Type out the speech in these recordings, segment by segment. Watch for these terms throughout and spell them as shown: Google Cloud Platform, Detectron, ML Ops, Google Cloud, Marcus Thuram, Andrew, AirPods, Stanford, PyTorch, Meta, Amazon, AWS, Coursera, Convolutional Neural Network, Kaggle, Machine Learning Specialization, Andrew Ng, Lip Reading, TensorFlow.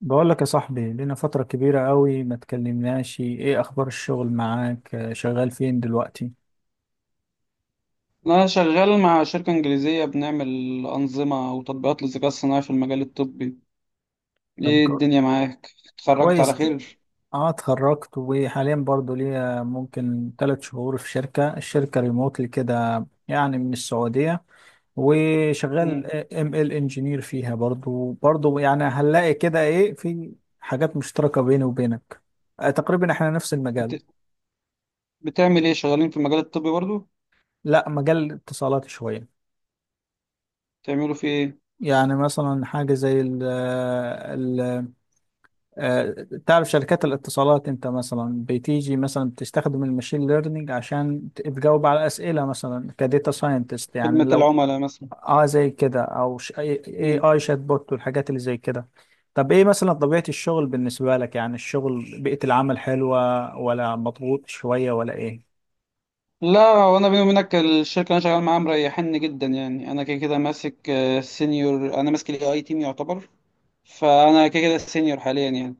بقول لك يا صاحبي، لنا فترة كبيرة قوي ما تكلمناش. ايه اخبار الشغل معاك؟ شغال فين دلوقتي؟ أنا شغال مع شركة إنجليزية بنعمل أنظمة وتطبيقات للذكاء الصناعي في المجال الطبي، طب إيه الدنيا معاك؟ اتخرجت على كويس. خير؟ اه اتخرجت، وحاليا برضو ليا ممكن 3 شهور في شركة الشركة ريموتلي كده يعني من السعودية. مم. وشغال ال انجينير فيها برضو يعني. هنلاقي كده ايه في حاجات مشتركة بيني وبينك. تقريبا احنا نفس المجال. بت... بتعمل إيه؟ شغالين في المجال الطبي برضو؟ لا، مجال اتصالات شوية. بتعملوا في إيه؟ يعني مثلا حاجة زي ال، آه، تعرف شركات الاتصالات انت، مثلا بتيجي مثلا بتستخدم الماشين ليرنينج عشان تجاوب على اسئله، مثلا كديتا ساينتست يعني خدمة لو. العملاء مثلا؟ اه، زي كده، او اي اي مم. آي شات بوت والحاجات اللي زي كده. طب ايه مثلا طبيعه الشغل بالنسبه لك؟ يعني الشغل، بيئه العمل حلوه ولا مضغوط شويه ولا ايه؟ لا وأنا بيني وبينك الشركة اللي أنا شغال معاها مريحني جدا يعني، أنا كده كده ماسك سينيور، أنا ماسك ال AI تيم يعتبر، فأنا كده كده سينيور حاليا يعني.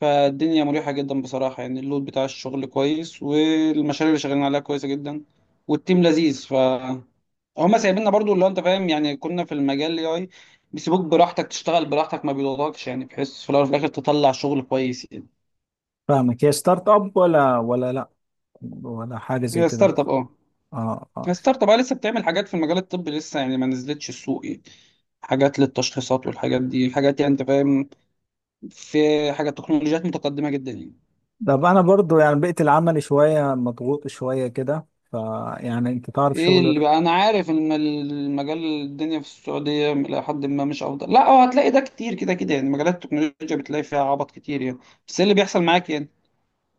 فالدنيا مريحة جدا بصراحة يعني اللود بتاع الشغل كويس، والمشاريع اللي شغالين عليها كويسة جدا، والتيم لذيذ. ف هما سايبيننا برضو، اللي هو انت فاهم يعني، كنا في المجال الاي اي بيسيبوك براحتك، تشتغل براحتك، ما بيضغطكش، يعني بحيث في الاول وفي الاخر تطلع شغل كويس يعني. فاهمك. هي ستارت اب ولا لا ولا حاجه زي هي كده؟ ستارت اب اه. اه، اه. هي ستارت اب اه، لسه بتعمل حاجات في المجال الطبي، لسه يعني ما نزلتش السوق يعني. حاجات للتشخيصات والحاجات دي، حاجات يعني انت فاهم، في حاجات تكنولوجيات متقدمة جدا يعني. طب انا برضو يعني بيئه العمل شويه مضغوط شويه كده، فيعني انت تعرف ايه اللي شغل. بقى؟ انا عارف ان المجال الدنيا في السعوديه الى حد ما مش افضل، لا هو هتلاقي ده كتير، كده كده يعني مجالات التكنولوجيا بتلاقي فيها عبط كتير يعني. بس إيه اللي بيحصل معاك يعني؟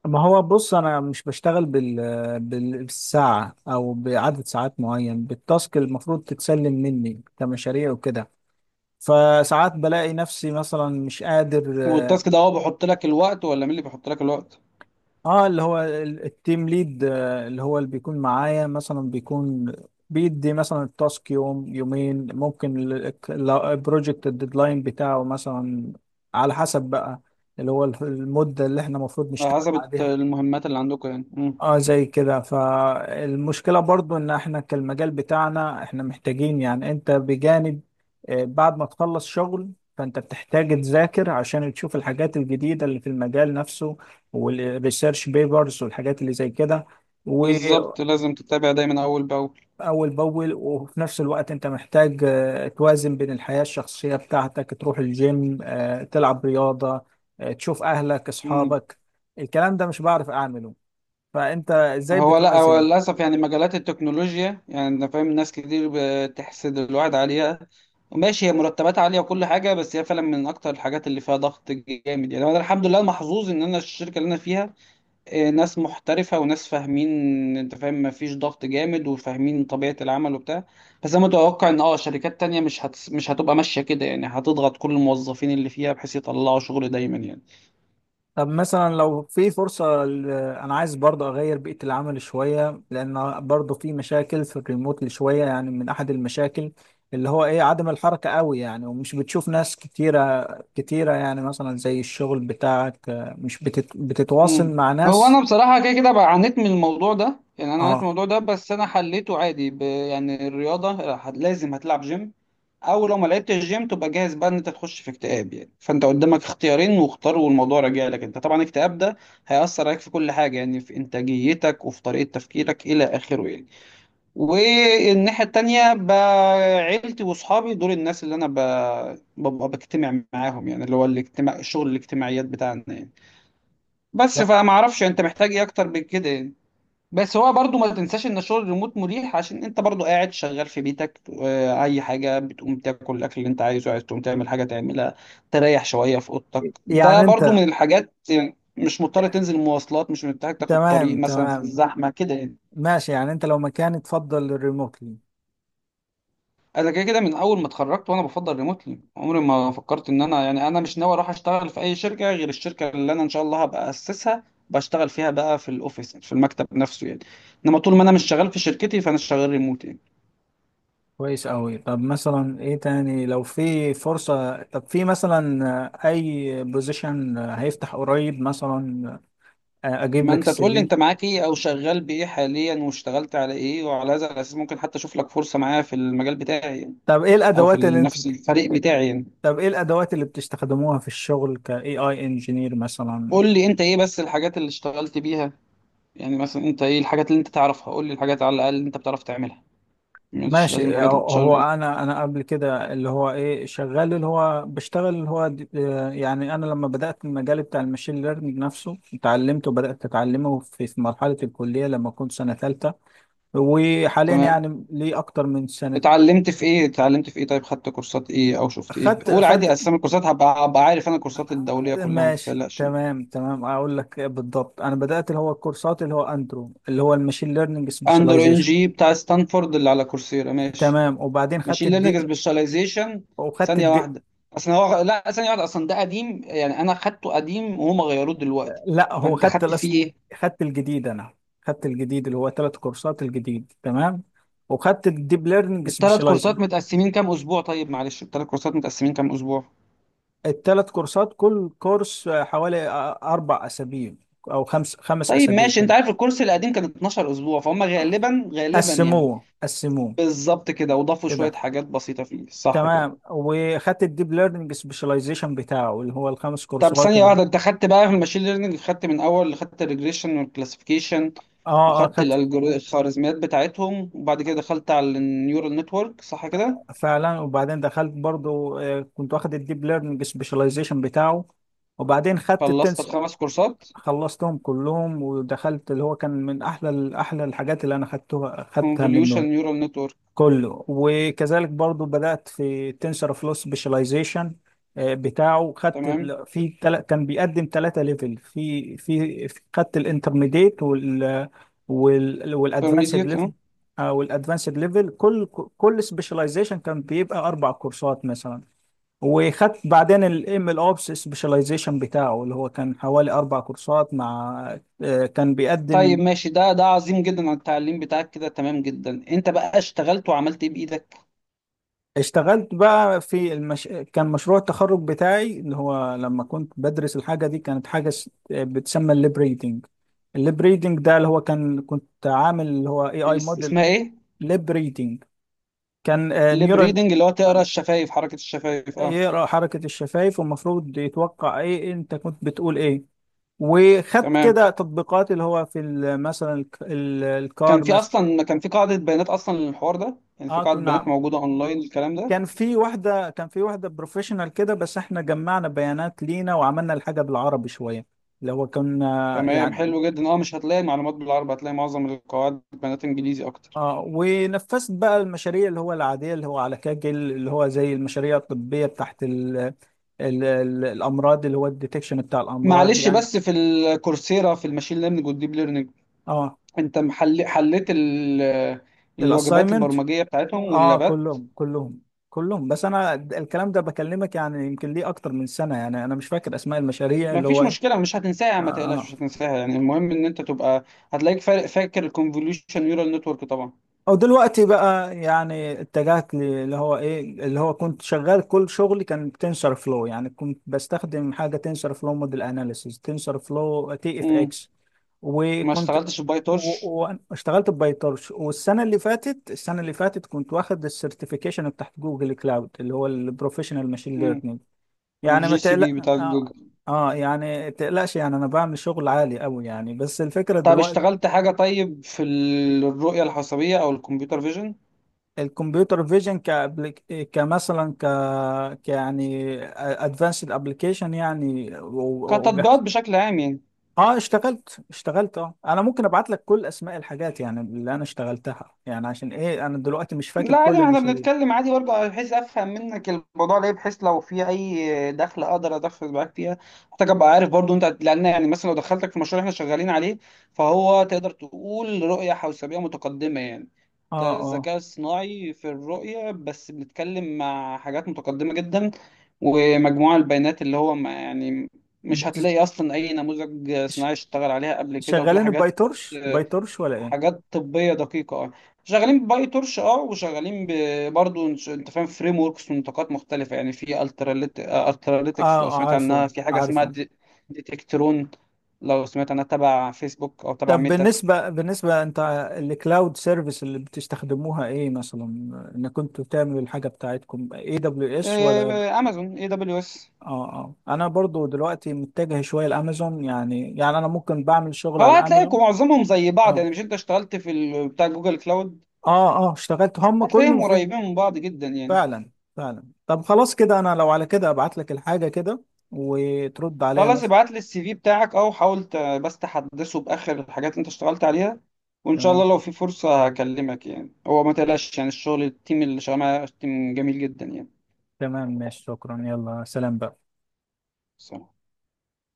ما هو بص، انا مش بشتغل بالساعه او بعدد ساعات معين، بالتاسك المفروض تتسلم مني كمشاريع وكده. فساعات بلاقي نفسي مثلا مش قادر، اه. والتاسك ده هو بيحط لك الوقت، ولا مين اللي بيحط لك الوقت؟ اللي هو التيم ليد، اللي هو اللي بيكون معايا، مثلا بيكون بيدي مثلا التاسك يوم يومين. ممكن البروجكت الديدلاين بتاعه مثلا على حسب بقى، اللي هو المدة اللي احنا المفروض على نشتغل حسب عليها. المهمات اللي عندكم يعني. مم. اه، زي كده. فالمشكلة برضو ان احنا كالمجال بتاعنا، احنا محتاجين يعني انت بجانب، بعد ما تخلص شغل فانت بتحتاج تذاكر عشان تشوف الحاجات الجديدة اللي في المجال نفسه، والريسيرش بيبرز والحاجات اللي زي كده، وأول بالظبط، لازم تتابع دايما اول باول. بأول. وفي نفس الوقت انت محتاج توازن بين الحياة الشخصية بتاعتك، تروح الجيم، تلعب رياضة، تشوف أهلك مم. أصحابك. الكلام ده مش بعرف أعمله. فأنت إزاي هو لا، هو بتوازن؟ للأسف يعني مجالات التكنولوجيا، يعني أنا فاهم ناس كتير بتحسد الواحد عليها. ماشي، هي مرتبات عالية وكل حاجة، بس هي فعلا من أكتر الحاجات اللي فيها ضغط جامد. يعني أنا الحمد لله محظوظ إن أنا الشركة اللي أنا فيها ناس محترفة وناس فاهمين. أنت فاهم، مفيش ضغط جامد، وفاهمين طبيعة العمل وبتاع. بس أنا متوقع إن شركات تانية مش مش هتبقى ماشية كده، يعني هتضغط كل الموظفين اللي فيها بحيث يطلعوا شغل دايما يعني. طب مثلا لو في فرصة، أنا عايز برضه أغير بيئة العمل شوية، لأن برضه في مشاكل في الريموت اللي شوية يعني. من أحد المشاكل اللي هو إيه عدم الحركة قوي يعني، ومش بتشوف ناس كتيرة كتيرة يعني. مثلا زي الشغل بتاعك مش بتتواصل مم. مع هو ناس. انا بصراحه كده كده بقى عانيت من الموضوع ده، يعني انا عانيت من آه. الموضوع ده، بس انا حليته عادي يعني الرياضه لازم هتلعب جيم، او لو ما لعبتش جيم تبقى جاهز بقى ان انت تخش في اكتئاب يعني. فانت قدامك اختيارين، واختار، والموضوع راجع لك انت. طبعا الاكتئاب ده هيأثر عليك في كل حاجه، يعني في انتاجيتك وفي طريقه تفكيرك الى اخره يعني. والناحيه التانيه بقى عيلتي واصحابي، دول الناس اللي انا ببقى بجتمع معاهم يعني، اللي هو الاجتماع الشغل الاجتماعيات بتاعنا يعني. بس لا. فما اعرفش انت محتاج ايه اكتر من كده يعني. بس هو برضو ما تنساش ان الشغل الريموت مريح، عشان انت برضو قاعد شغال في بيتك، اي حاجه بتقوم تاكل الاكل اللي انت عايزه، عايز تقوم تعمل حاجه تعملها، تريح شويه في اوضتك. ده يعني برضو أنت، من الحاجات، يعني مش مضطر تنزل مواصلات، مش محتاج تاخد تمام طريق مثلا في تمام الزحمه كده يعني. ماشي. يعني أنت لو مكاني تفضل الريموت؟ انا كده كده من اول ما اتخرجت وانا بفضل ريموتلي، عمري ما فكرت ان انا، يعني انا مش ناوي اروح اشتغل في اي شركه غير الشركه اللي انا ان شاء الله هبقى اسسها، بشتغل فيها بقى في الاوفيس، في المكتب نفسه يعني. انما طول ما انا مش شغال في شركتي فانا شغال ريموت يعني. كويس أوي. طب مثلا إيه تاني، لو في فرصة؟ طب في مثلا أي بوزيشن هيفتح قريب مثلا، أجيب ما لك انت السي تقول لي في. انت معاك ايه، او شغال بايه حاليا، واشتغلت على ايه، وعلى هذا الاساس ممكن حتى اشوف لك فرصه معايا في المجال بتاعي يعني، طب إيه او في الأدوات اللي أنتوا نفس بت- الفريق بتاعي يعني. طب إيه الأدوات اللي بتستخدموها في الشغل ك AI engineer مثلا؟ قول لي انت ايه بس الحاجات اللي اشتغلت بيها. يعني مثلا انت ايه الحاجات اللي انت تعرفها؟ قول لي الحاجات على الاقل اللي انت بتعرف تعملها، مش لازم ماشي. الحاجات هو اللي. أنا قبل كده اللي هو إيه شغال، اللي هو بشتغل اللي هو يعني أنا لما بدأت المجال بتاع الماشين ليرنينج نفسه اتعلمته، وبدأت أتعلمه في مرحلة الكلية لما كنت سنة ثالثة. وحاليا تمام. يعني ليه اكتر من سنه. اتعلمت في ايه؟ اتعلمت في ايه؟ طيب خدت كورسات ايه او شفت ايه؟ خدت قول عادي خدت اسامي الكورسات، هبقى هبقى عارف، انا الكورسات الدوليه كلها، ما ماشي، تقلقش. تمام تمام. اقول لك بالضبط، انا بدات اللي هو الكورسات اللي هو اندرو، اللي هو الماشين ليرنينج اندرو ان سبيشاليزيشن. جي بتاع ستانفورد اللي على كورسيرا، ماشي. تمام. وبعدين خدت ماشين الدي، ليرنينج سبيشاليزيشن. وخدت ثانيه الدي، واحده. اصلا هو، لا، ثانيه واحده، اصلا ده قديم يعني، انا خدته قديم وهم غيروه دلوقتي. لا هو فانت خدت فيه ايه؟ خدت الجديد انا. خدت الجديد اللي هو 3 كورسات الجديد. تمام. وخدت الديب ليرنينج الثلاث سبيشاليزيشن. كورسات متقسمين كام اسبوع؟ طيب معلش، الثلاث كورسات متقسمين كام اسبوع؟ الثلاث كورسات كل كورس حوالي 4 اسابيع، او خمس طيب اسابيع ماشي، كده. انت عارف الكورس القديم كان 12 اسبوع، فهم غالبا غالبا يعني. قسموه بالظبط كده، وضافوا شوية كده. حاجات بسيطة فيه، صح كده؟ تمام. وخدت الديب ليرنينج سبيشاليزيشن بتاعه اللي هو الخمس طب كورسات ثانية اللي هم، واحدة، انت خدت بقى في الماشين ليرنينج، خدت من اول خدت الريجريشن والكلاسيفيكيشن، اه اه وخدت خدت. الالجوريزم الخوارزميات بتاعتهم، وبعد كده دخلت على النيورال نتورك، صح كده؟ فعلا. وبعدين دخلت برضو كنت واخد الديب ليرنينج سبيشاليزيشن بتاعه، وبعدين خدت خلصت التنس. الخمس كورسات؟ خلصتهم كلهم. ودخلت اللي هو كان من احلى احلى الحاجات اللي انا خدتها خدتها كونفوليوشن منه نيورال نتورك. كله. وكذلك برضو بدأت في تنسر فلو سبيشاليزيشن بتاعه. خدت تمام. ال... في تل... كان بيقدم 3 ليفل خدت الانترميديت وال والادفانسد انترميديت ليفل، اه. او الادفانسد ليفل. كل سبيشاليزيشن كان بيبقى 4 كورسات مثلا. وخدت بعدين الام ال اوبس سبيشاليزيشن بتاعه اللي هو كان حوالي 4 كورسات، مع كان طيب بيقدم. ماشي، ده عظيم جدا على التعليم بتاعك كده، تمام جدا. انت بقى اشتغلت وعملت ايه بايدك؟ اشتغلت بقى في كان مشروع التخرج بتاعي اللي هو لما كنت بدرس الحاجة دي، كانت حاجة بتسمى الليب ريدنج. الليب ريدنج ده اللي هو كان كنت عامل اللي هو اي اي موديل اسمها ايه؟ ليب ريدنج. كان ليب نيورال. ريدنج، اللي هو تقرا الشفايف، حركة الشفايف اه. يقرأ حركة الشفايف، والمفروض يتوقع ايه انت كنت بتقول ايه. وخدت تمام. كده تطبيقات اللي هو في مثلا كان الكار في مثلا. اصلا، كان في قاعده بيانات اصلا للحوار ده يعني؟ في اه قاعده بيانات كنا، موجوده اونلاين الكلام ده. كان في واحدة بروفيشنال كده، بس احنا جمعنا بيانات لينا وعملنا الحاجة بالعربي شوية. اللي هو كنا تمام، يعني، حلو جدا. اه، مش هتلاقي معلومات بالعربي، هتلاقي معظم القواعد بيانات انجليزي اكتر. اه. ونفذت بقى المشاريع اللي هو العادية اللي هو على كاجل اللي هو زي المشاريع الطبية بتاعت ال ال ال الأمراض، اللي هو الديتكشن بتاع الأمراض معلش، يعني. بس في الكورسيرا في الماشين ليرنينج والديب ليرنينج، اه، انت محل حليت الوجبات الأسايمنت. البرمجيه بتاعتهم اه، واللابات؟ كلهم. بس أنا الكلام ده بكلمك يعني يمكن ليه أكتر من سنة، يعني أنا مش فاكر أسماء المشاريع اللي مفيش هو إيه. مشكله، مش هتنساها اه. ما تقلقش، مش آه. هتنساها يعني. المهم ان انت تبقى، هتلاقيك فاكر الكونفوليوشن نيورال نتورك طبعا. او دلوقتي بقى يعني اتجهت اللي هو ايه اللي هو كنت شغال. كل شغلي كان تنسر فلو يعني، كنت بستخدم حاجه تنسر فلو موديل اناليسيس، تنسر فلو تي اف امم اكس. ما وكنت اشتغلتش بباي تورش؟ و- واشتغلت ببايتورش. والسنه اللي فاتت السنه اللي فاتت كنت واخد السيرتيفيكيشن بتاعت جوجل كلاود، اللي هو البروفيشنال ماشين امم ليرنينج. يعني ما الجي سي بي تقلق، بتاع اه. جوجل. آه يعني تقلقش. يعني انا بعمل شغل عالي قوي يعني، بس الفكره. طب اشتغلت حاجة طيب في الرؤية الحسابية أو الكمبيوتر فيجن؟ الكمبيوتر فيجن كأبليك... كمثلا ك... ك يعني ادفانسد ابلكيشن يعني، كتطبيقات وجاهزه. بشكل عام يعني. اه اشتغلت اه، انا ممكن ابعت لك كل اسماء الحاجات يعني، اللي انا اشتغلتها يعني، عشان ايه انا دلوقتي مش فاكر لا عادي، كل ما احنا المشاريع. بنتكلم عادي برضه، بحيث افهم منك الموضوع، ليه؟ بحيث لو في اي دخل اقدر ادخل معاك فيها. محتاج ابقى عارف برضه انت، لان يعني مثلا لو دخلتك في مشروع احنا شغالين عليه، فهو تقدر تقول رؤية حوسبية متقدمة يعني. اه، ده اه. الذكاء الصناعي في الرؤية، بس بنتكلم مع حاجات متقدمة جدا، ومجموعة البيانات اللي هو ما يعني، مش بتز... هتلاقي اصلا اي نموذج ش... صناعي اشتغل عليها قبل كده، وكده شغالين حاجات. بايتورش ولا ايه؟ حاجات طبيه دقيقه اه. شغالين باي تورش اه، وشغالين برضو انت فاهم فريم وركس ونطاقات مختلفه يعني. في التراليت اه التراليتكس لو سمعت عنها، عارفه في حاجه اسمها عارفه. ديتكترون، لو سمعت عنها تبع فيسبوك او تبع طب ميتا. بالنسبة انت، الكلاود سيرفيس اللي بتستخدموها ايه مثلا؟ انك كنتوا بتعملوا الحاجة بتاعتكم اي دبليو اس ولا؟ امازون اي دبليو اس. اه. اه انا برضو دلوقتي متجه شويه لامازون يعني انا ممكن بعمل شغل هو على هتلاقيكم امازون. معظمهم زي بعض يعني، اه، مش انت اشتغلت في بتاع جوجل كلاود؟ اه، اه اشتغلت، هم كلهم هتلاقيهم فين. قريبين من بعض جدا يعني. فعلا. فعلا. طب خلاص كده انا لو على كده ابعت لك الحاجه كده، وترد عليا خلاص، مثلا. ابعت لي السي في بتاعك، او حاول بس تحدثه باخر الحاجات اللي انت اشتغلت عليها، وان شاء تمام الله لو في فرصة هكلمك يعني. هو ما تقلقش يعني، الشغل التيم اللي شغال معاه تيم جميل جدا تمام ماشي، شكرا، يلا سلام بقى. يعني.